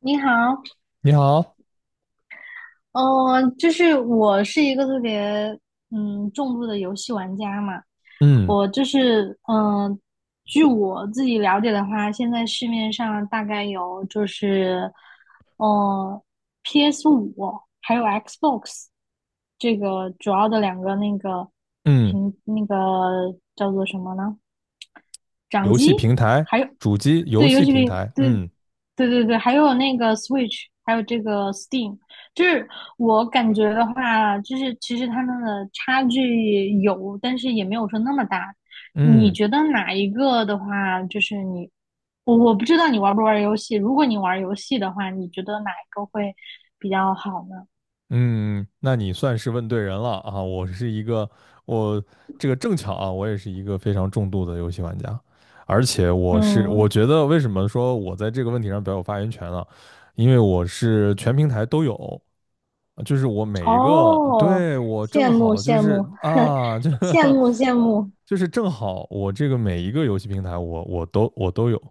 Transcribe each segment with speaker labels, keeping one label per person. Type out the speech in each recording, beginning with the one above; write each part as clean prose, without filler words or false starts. Speaker 1: 你好，
Speaker 2: 你好。
Speaker 1: 就是我是一个特别重度的游戏玩家嘛，
Speaker 2: 嗯
Speaker 1: 我就是据我自己了解的话，现在市面上大概有就是呃 PS5还有 Xbox 这个主要的两个那个
Speaker 2: 嗯。
Speaker 1: 屏那个叫做什么呢？掌
Speaker 2: 游戏
Speaker 1: 机，
Speaker 2: 平台。
Speaker 1: 还有
Speaker 2: 主机游
Speaker 1: 对，游
Speaker 2: 戏
Speaker 1: 戏
Speaker 2: 平
Speaker 1: 比
Speaker 2: 台。
Speaker 1: 对，
Speaker 2: 嗯
Speaker 1: 对对对，还有那个 Switch，还有这个 Steam，就是我感觉的话，就是其实他们的差距有，但是也没有说那么大。你
Speaker 2: 嗯
Speaker 1: 觉得哪一个的话，就是你，我不知道你玩不玩游戏。如果你玩游戏的话，你觉得哪一个会比较好呢？
Speaker 2: 嗯。那你算是问对人了啊！我这个正巧啊，我也是一个非常重度的游戏玩家，而且我
Speaker 1: 嗯，
Speaker 2: 觉得为什么说我在这个问题上比较有发言权呢？因为我是全平台都有，就是我每一个，
Speaker 1: 哦，
Speaker 2: 对，我
Speaker 1: 羡
Speaker 2: 正
Speaker 1: 慕
Speaker 2: 好就
Speaker 1: 羡
Speaker 2: 是
Speaker 1: 慕，
Speaker 2: 啊，这
Speaker 1: 羡
Speaker 2: 个
Speaker 1: 慕羡慕。
Speaker 2: 就是正好我这个每一个游戏平台我都有。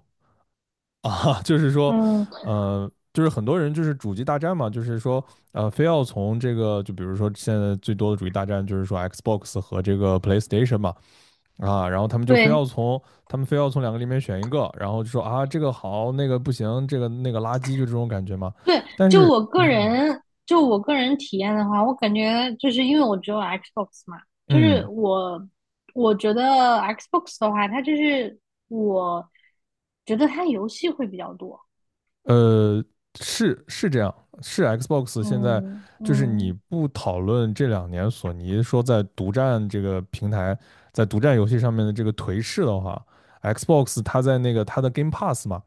Speaker 2: 啊，就是说，
Speaker 1: 嗯，
Speaker 2: 就是很多人就是主机大战嘛，就是说，非要从这个，就比如说现在最多的主机大战就是说 Xbox 和这个 PlayStation 嘛。啊，然后
Speaker 1: 对，
Speaker 2: 他们非要从两个里面选一个，然后就说啊，这个好，那个不行，这个那个垃圾，就这种感觉嘛。
Speaker 1: 对，
Speaker 2: 但
Speaker 1: 就
Speaker 2: 是，
Speaker 1: 我个人，就我个人体验的话，我感觉就是因为我只有 Xbox 嘛，就是
Speaker 2: 嗯，
Speaker 1: 我觉得 Xbox 的话，它就是我觉得它游戏会比较多。
Speaker 2: 呃，是是这样，是 Xbox 现在
Speaker 1: 嗯
Speaker 2: 就是你
Speaker 1: 嗯，
Speaker 2: 不讨论这两年索尼说在独占这个平台，在独占游戏上面的这个颓势的话，Xbox 它在那个它的 Game Pass 嘛，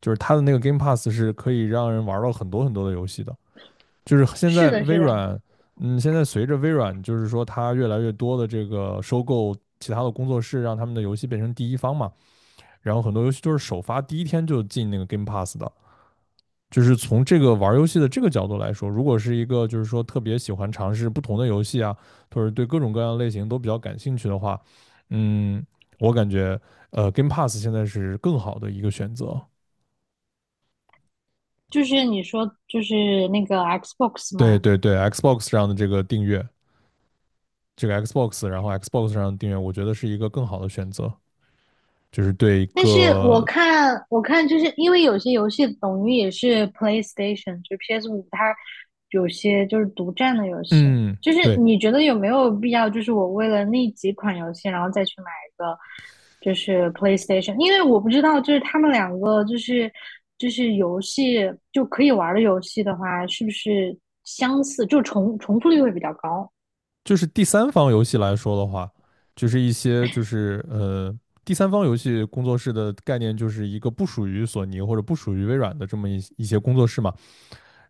Speaker 2: 就是它的那个 Game Pass 是可以让人玩到很多很多的游戏的。就是现
Speaker 1: 是
Speaker 2: 在
Speaker 1: 的，
Speaker 2: 微
Speaker 1: 是的，
Speaker 2: 软，现在随着微软就是说它越来越多的这个收购其他的工作室，让他们的游戏变成第一方嘛。然后很多游戏就是首发第一天就进那个 Game Pass 的。就是从这个玩游戏的这个角度来说，如果是一个就是说特别喜欢尝试不同的游戏啊，或者对各种各样的类型都比较感兴趣的话，嗯，我感觉Game Pass 现在是更好的一个选择。
Speaker 1: 就是你说就是那个 Xbox
Speaker 2: 对
Speaker 1: 嘛，
Speaker 2: 对对，Xbox 上的这个订阅，这个 Xbox，然后 Xbox 上的订阅，我觉得是一个更好的选择，就是对一
Speaker 1: 但是我
Speaker 2: 个
Speaker 1: 看，我看，就是因为有些游戏等于也是 PlayStation，就是 PS 五，它有些就是独占的游戏。
Speaker 2: 嗯，
Speaker 1: 就是
Speaker 2: 对
Speaker 1: 你觉得有没有必要？就是我为了那几款游戏，然后再去买一个就是 PlayStation，因为我不知道，就是他们两个就是游戏就可以玩的游戏的话，是不是相似，就重复率会比较高？
Speaker 2: 就是第三方游戏来说的话，就是一些就是第三方游戏工作室的概念就是一个不属于索尼或者不属于微软的这么一些工作室嘛，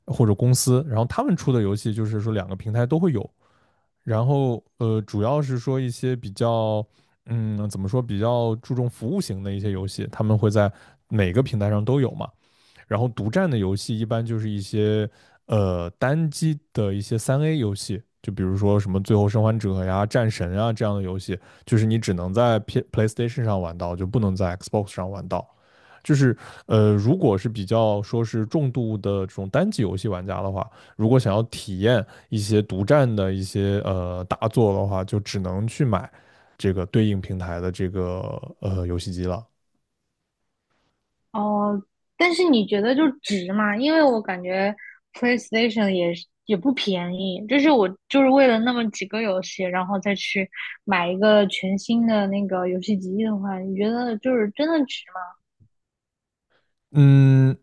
Speaker 2: 或者公司，然后他们出的游戏就是说两个平台都会有，然后主要是说一些比较怎么说比较注重服务型的一些游戏，他们会在每个平台上都有嘛。然后独占的游戏一般就是一些单机的一些3A 游戏，就比如说什么《最后生还者》呀、《战神》啊这样的游戏，就是你只能在 PlayStation 上玩到，就不能在 Xbox 上玩到。就是如果是比较说是重度的这种单机游戏玩家的话，如果想要体验一些独占的一些大作的话，就只能去买这个对应平台的这个游戏机了。
Speaker 1: 哦，但是你觉得就值吗？因为我感觉 PlayStation 也是也不便宜，就是我就是为了那么几个游戏，然后再去买一个全新的那个游戏机的话，你觉得就是真的值吗？
Speaker 2: 嗯，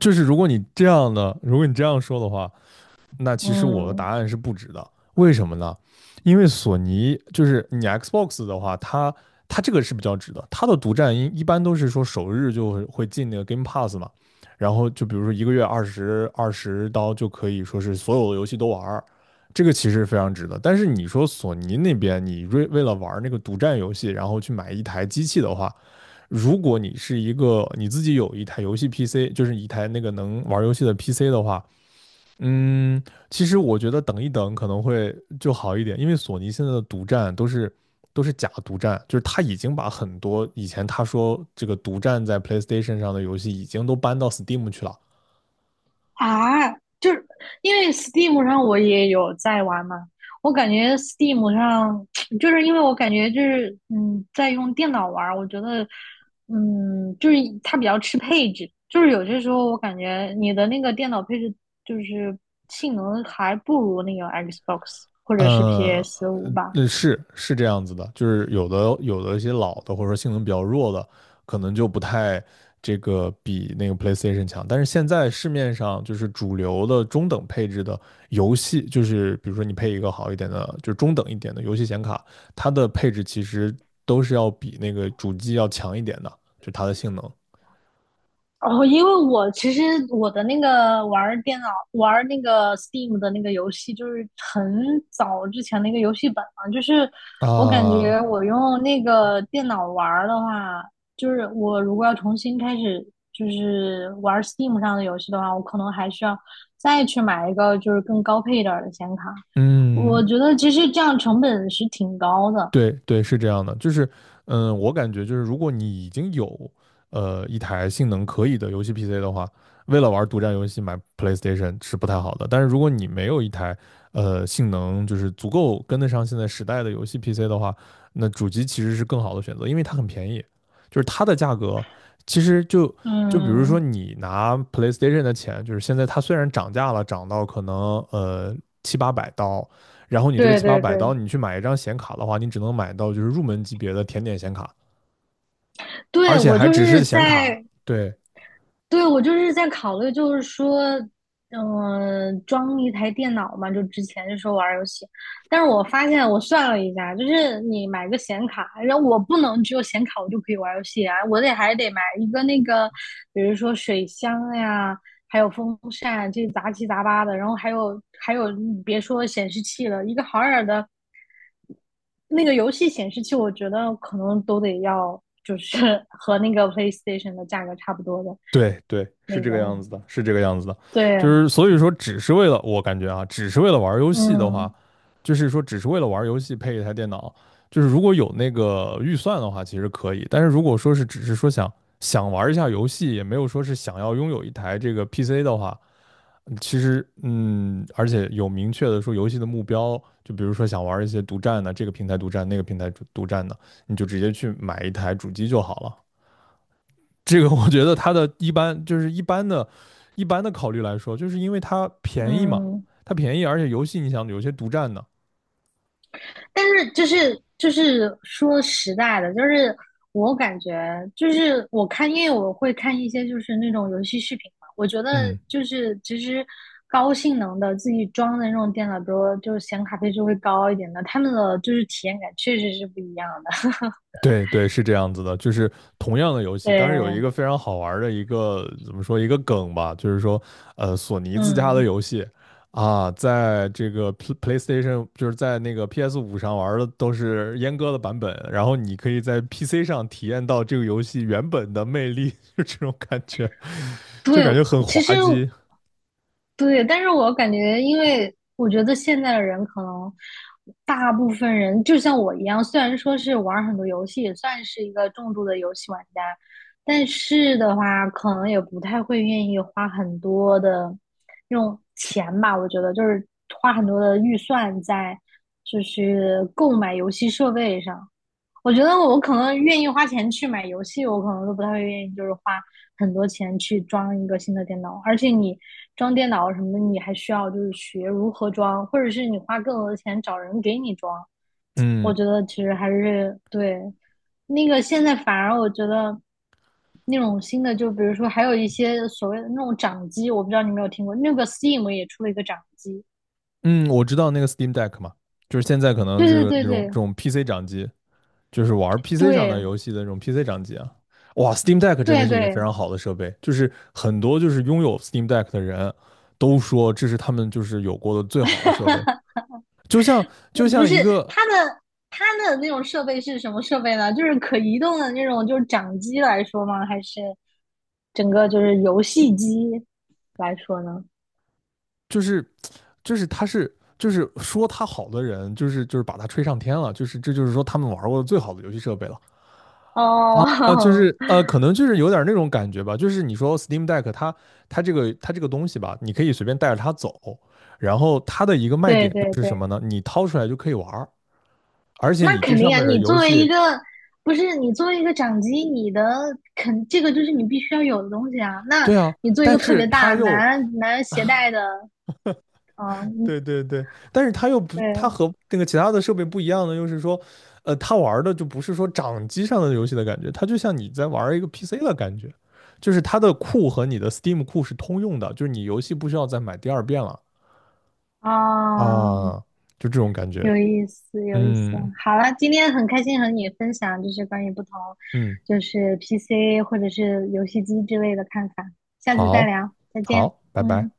Speaker 2: 就是如果你这样的，如果你这样说的话，那其实我的答
Speaker 1: 嗯。
Speaker 2: 案是不值的。为什么呢？因为索尼就是你 Xbox 的话，它这个是比较值的，它的独占一般都是说首日就会进那个 Game Pass 嘛，然后就比如说一个月二十刀就可以说是所有的游戏都玩这个其实非常值的。但是你说索尼那边，你为了玩那个独占游戏，然后去买一台机器的话，如果你是一个你自己有一台游戏 PC，就是一台那个能玩游戏的 PC 的话，嗯，其实我觉得等一等可能会就好一点，因为索尼现在的独占都是假独占，就是他已经把很多以前他说这个独占在 PlayStation 上的游戏已经都搬到 Steam 去了。
Speaker 1: 啊，就是因为 Steam 上我也有在玩嘛，我感觉 Steam 上 就是因为我感觉就是在用电脑玩儿我觉得就是它比较吃配置，就是有些时候我感觉你的那个电脑配置就是性能还不如那个 Xbox 或者是
Speaker 2: 嗯，
Speaker 1: PS 五吧，
Speaker 2: 那是是这样子的，就是有的一些老的或者说性能比较弱的，可能就不太这个比那个 PlayStation 强。但是现在市面上就是主流的中等配置的游戏，就是比如说你配一个好一点的，就是中等一点的游戏显卡，它的配置其实都是要比那个主机要强一点的，就它的性能
Speaker 1: 哦，因为我其实我的那个玩儿电脑玩儿那个 Steam 的那个游戏，就是很早之前的一个游戏本了。就是我感
Speaker 2: 啊。
Speaker 1: 觉我用那个电脑玩儿的话，就是我如果要重新开始就是玩儿 Steam 上的游戏的话，我可能还需要再去买一个就是更高配一点儿的显卡。
Speaker 2: 嗯，
Speaker 1: 我觉得其实这样成本是挺高的。
Speaker 2: 对对，是这样的，就是，我感觉就是，如果你已经有一台性能可以的游戏 PC 的话，为了玩独占游戏买 PlayStation 是不太好的。但是如果你没有一台性能就是足够跟得上现在时代的游戏 PC 的话，那主机其实是更好的选择，因为它很便宜，就是它的价格其实就就比如说
Speaker 1: 嗯，
Speaker 2: 你拿 PlayStation 的钱，就是现在它虽然涨价了，涨到可能七八百刀，然后你这个
Speaker 1: 对
Speaker 2: 七八
Speaker 1: 对
Speaker 2: 百刀，
Speaker 1: 对，
Speaker 2: 你去买一张显卡的话，你只能买到就是入门级别的甜点显卡，而
Speaker 1: 对，
Speaker 2: 且
Speaker 1: 我
Speaker 2: 还
Speaker 1: 就
Speaker 2: 只
Speaker 1: 是
Speaker 2: 是显卡。
Speaker 1: 在
Speaker 2: 对
Speaker 1: 对，我就是在考虑，就是说，装一台电脑嘛，就之前就说玩儿游戏，但是我发现我算了一下，就是你买个显卡，然后我不能只有显卡我就可以玩儿游戏啊，我得还得买一个那个，比如说水箱呀，还有风扇，这杂七杂八的，然后还有，你别说显示器了，一个好点儿的那个游戏显示器，我觉得可能都得要，就是 和那个 PlayStation 的价格差不多的
Speaker 2: 对对，是
Speaker 1: 那
Speaker 2: 这
Speaker 1: 个。
Speaker 2: 个样子的，是这个样子的。就
Speaker 1: 对，
Speaker 2: 是所以说，只是为了我感觉啊，只是为了玩游戏的
Speaker 1: 嗯
Speaker 2: 话，就是说只是为了玩游戏配一台电脑，就是如果有那个预算的话，其实可以。但是如果说是只是说想玩一下游戏，也没有说是想要拥有一台这个 PC 的话，其实，而且有明确的说游戏的目标，就比如说想玩一些独占的，这个平台独占，那个平台独占的，你就直接去买一台主机就好了。这个我觉得它的一般就是一般的、一般的考虑来说，就是因为它便宜嘛，
Speaker 1: 嗯，
Speaker 2: 它便宜，而且游戏你想有些独占的。
Speaker 1: 但是就是说实在的，就是我感觉就是我看，因为我会看一些就是那种游戏视频嘛，我觉得
Speaker 2: 嗯，
Speaker 1: 就是其实高性能的自己装的那种电脑，比如说就是显卡配置会高一点的，他们的就是体验感确实是不一样的。
Speaker 2: 对对，是这样子的，就是同样的游戏，但是有一
Speaker 1: 对，
Speaker 2: 个非常好玩儿的一个怎么说一个梗吧，就是说，索尼自家的
Speaker 1: 嗯，
Speaker 2: 游戏啊，在这个 PlayStation 就是在那个 PS5上玩儿的都是阉割的版本，然后你可以在 PC 上体验到这个游戏原本的魅力，就这种感觉，就
Speaker 1: 对，
Speaker 2: 感觉很
Speaker 1: 其实
Speaker 2: 滑稽。
Speaker 1: 对，但是我感觉，因为我觉得现在的人可能大部分人就像我一样，虽然说是玩儿很多游戏，也算是一个重度的游戏玩家，但是的话，可能也不太会愿意花很多的用钱吧。我觉得就是花很多的预算在就是购买游戏设备上。我觉得我可能愿意花钱去买游戏，我可能都不太会愿意，就是花很多钱去装一个新的电脑。而且你装电脑什么的，你还需要就是学如何装，或者是你花更多的钱找人给你装。
Speaker 2: 嗯
Speaker 1: 我觉得其实还是对那个现在反而我觉得那种新的，就比如说还有一些所谓的那种掌机，我不知道你有没有听过，那个 Steam 也出了一个掌机。
Speaker 2: 嗯，我知道那个 Steam Deck 嘛，就是现在可能
Speaker 1: 对
Speaker 2: 这
Speaker 1: 对
Speaker 2: 个
Speaker 1: 对
Speaker 2: 那种这
Speaker 1: 对
Speaker 2: 种 PC 掌机。就是玩 PC 上的
Speaker 1: 对
Speaker 2: 游戏的那种 PC 掌机啊。哇，Steam Deck 真的
Speaker 1: 对
Speaker 2: 是一个非
Speaker 1: 对。
Speaker 2: 常好的设备，就是很多就是拥有 Steam Deck 的人都说这是他们就是有过的最好的设备，就像就
Speaker 1: 不
Speaker 2: 像
Speaker 1: 是
Speaker 2: 一个
Speaker 1: 它的它的那种设备是什么设备呢？就是可移动的那种，就是掌机来说吗？还是整个就是游戏机来说呢？
Speaker 2: 就是就是他是就是说他好的人，就是把他吹上天了，就是这就是说他们玩过的最好的游戏设备了。
Speaker 1: 哦，
Speaker 2: 啊，就 是可能就是有点那种感觉吧，就是你说 Steam Deck 它这个东西吧，你可以随便带着它走，然后它的一个卖
Speaker 1: 对
Speaker 2: 点
Speaker 1: 对
Speaker 2: 就是什
Speaker 1: 对，
Speaker 2: 么呢？你掏出来就可以玩儿而且
Speaker 1: 那
Speaker 2: 你这
Speaker 1: 肯
Speaker 2: 上
Speaker 1: 定啊！
Speaker 2: 面的
Speaker 1: 你
Speaker 2: 游
Speaker 1: 作为一
Speaker 2: 戏，
Speaker 1: 个不是你作为一个掌机，你的这个就是你必须要有的东西啊。那
Speaker 2: 对啊，
Speaker 1: 你做一
Speaker 2: 但
Speaker 1: 个特
Speaker 2: 是
Speaker 1: 别大
Speaker 2: 它又
Speaker 1: 难携带的，嗯，
Speaker 2: 对对对，但是它又不，它
Speaker 1: 对
Speaker 2: 和那个其他的设备不一样的，就是说，它玩儿的就不是说掌机上的游戏的感觉，它就像你在玩儿一个 PC 的感觉，就是它的库和你的 Steam 库是通用的，就是你游戏不需要再买第二遍了。
Speaker 1: 啊，
Speaker 2: 啊，就这种感觉。
Speaker 1: 有意思，有意思。
Speaker 2: 嗯
Speaker 1: 好了，今天很开心和你分享，就是关于不同，
Speaker 2: 嗯，
Speaker 1: 就是 PC 或者是游戏机之类的看法。下次再
Speaker 2: 好，
Speaker 1: 聊，再见。
Speaker 2: 好，拜拜。
Speaker 1: 嗯。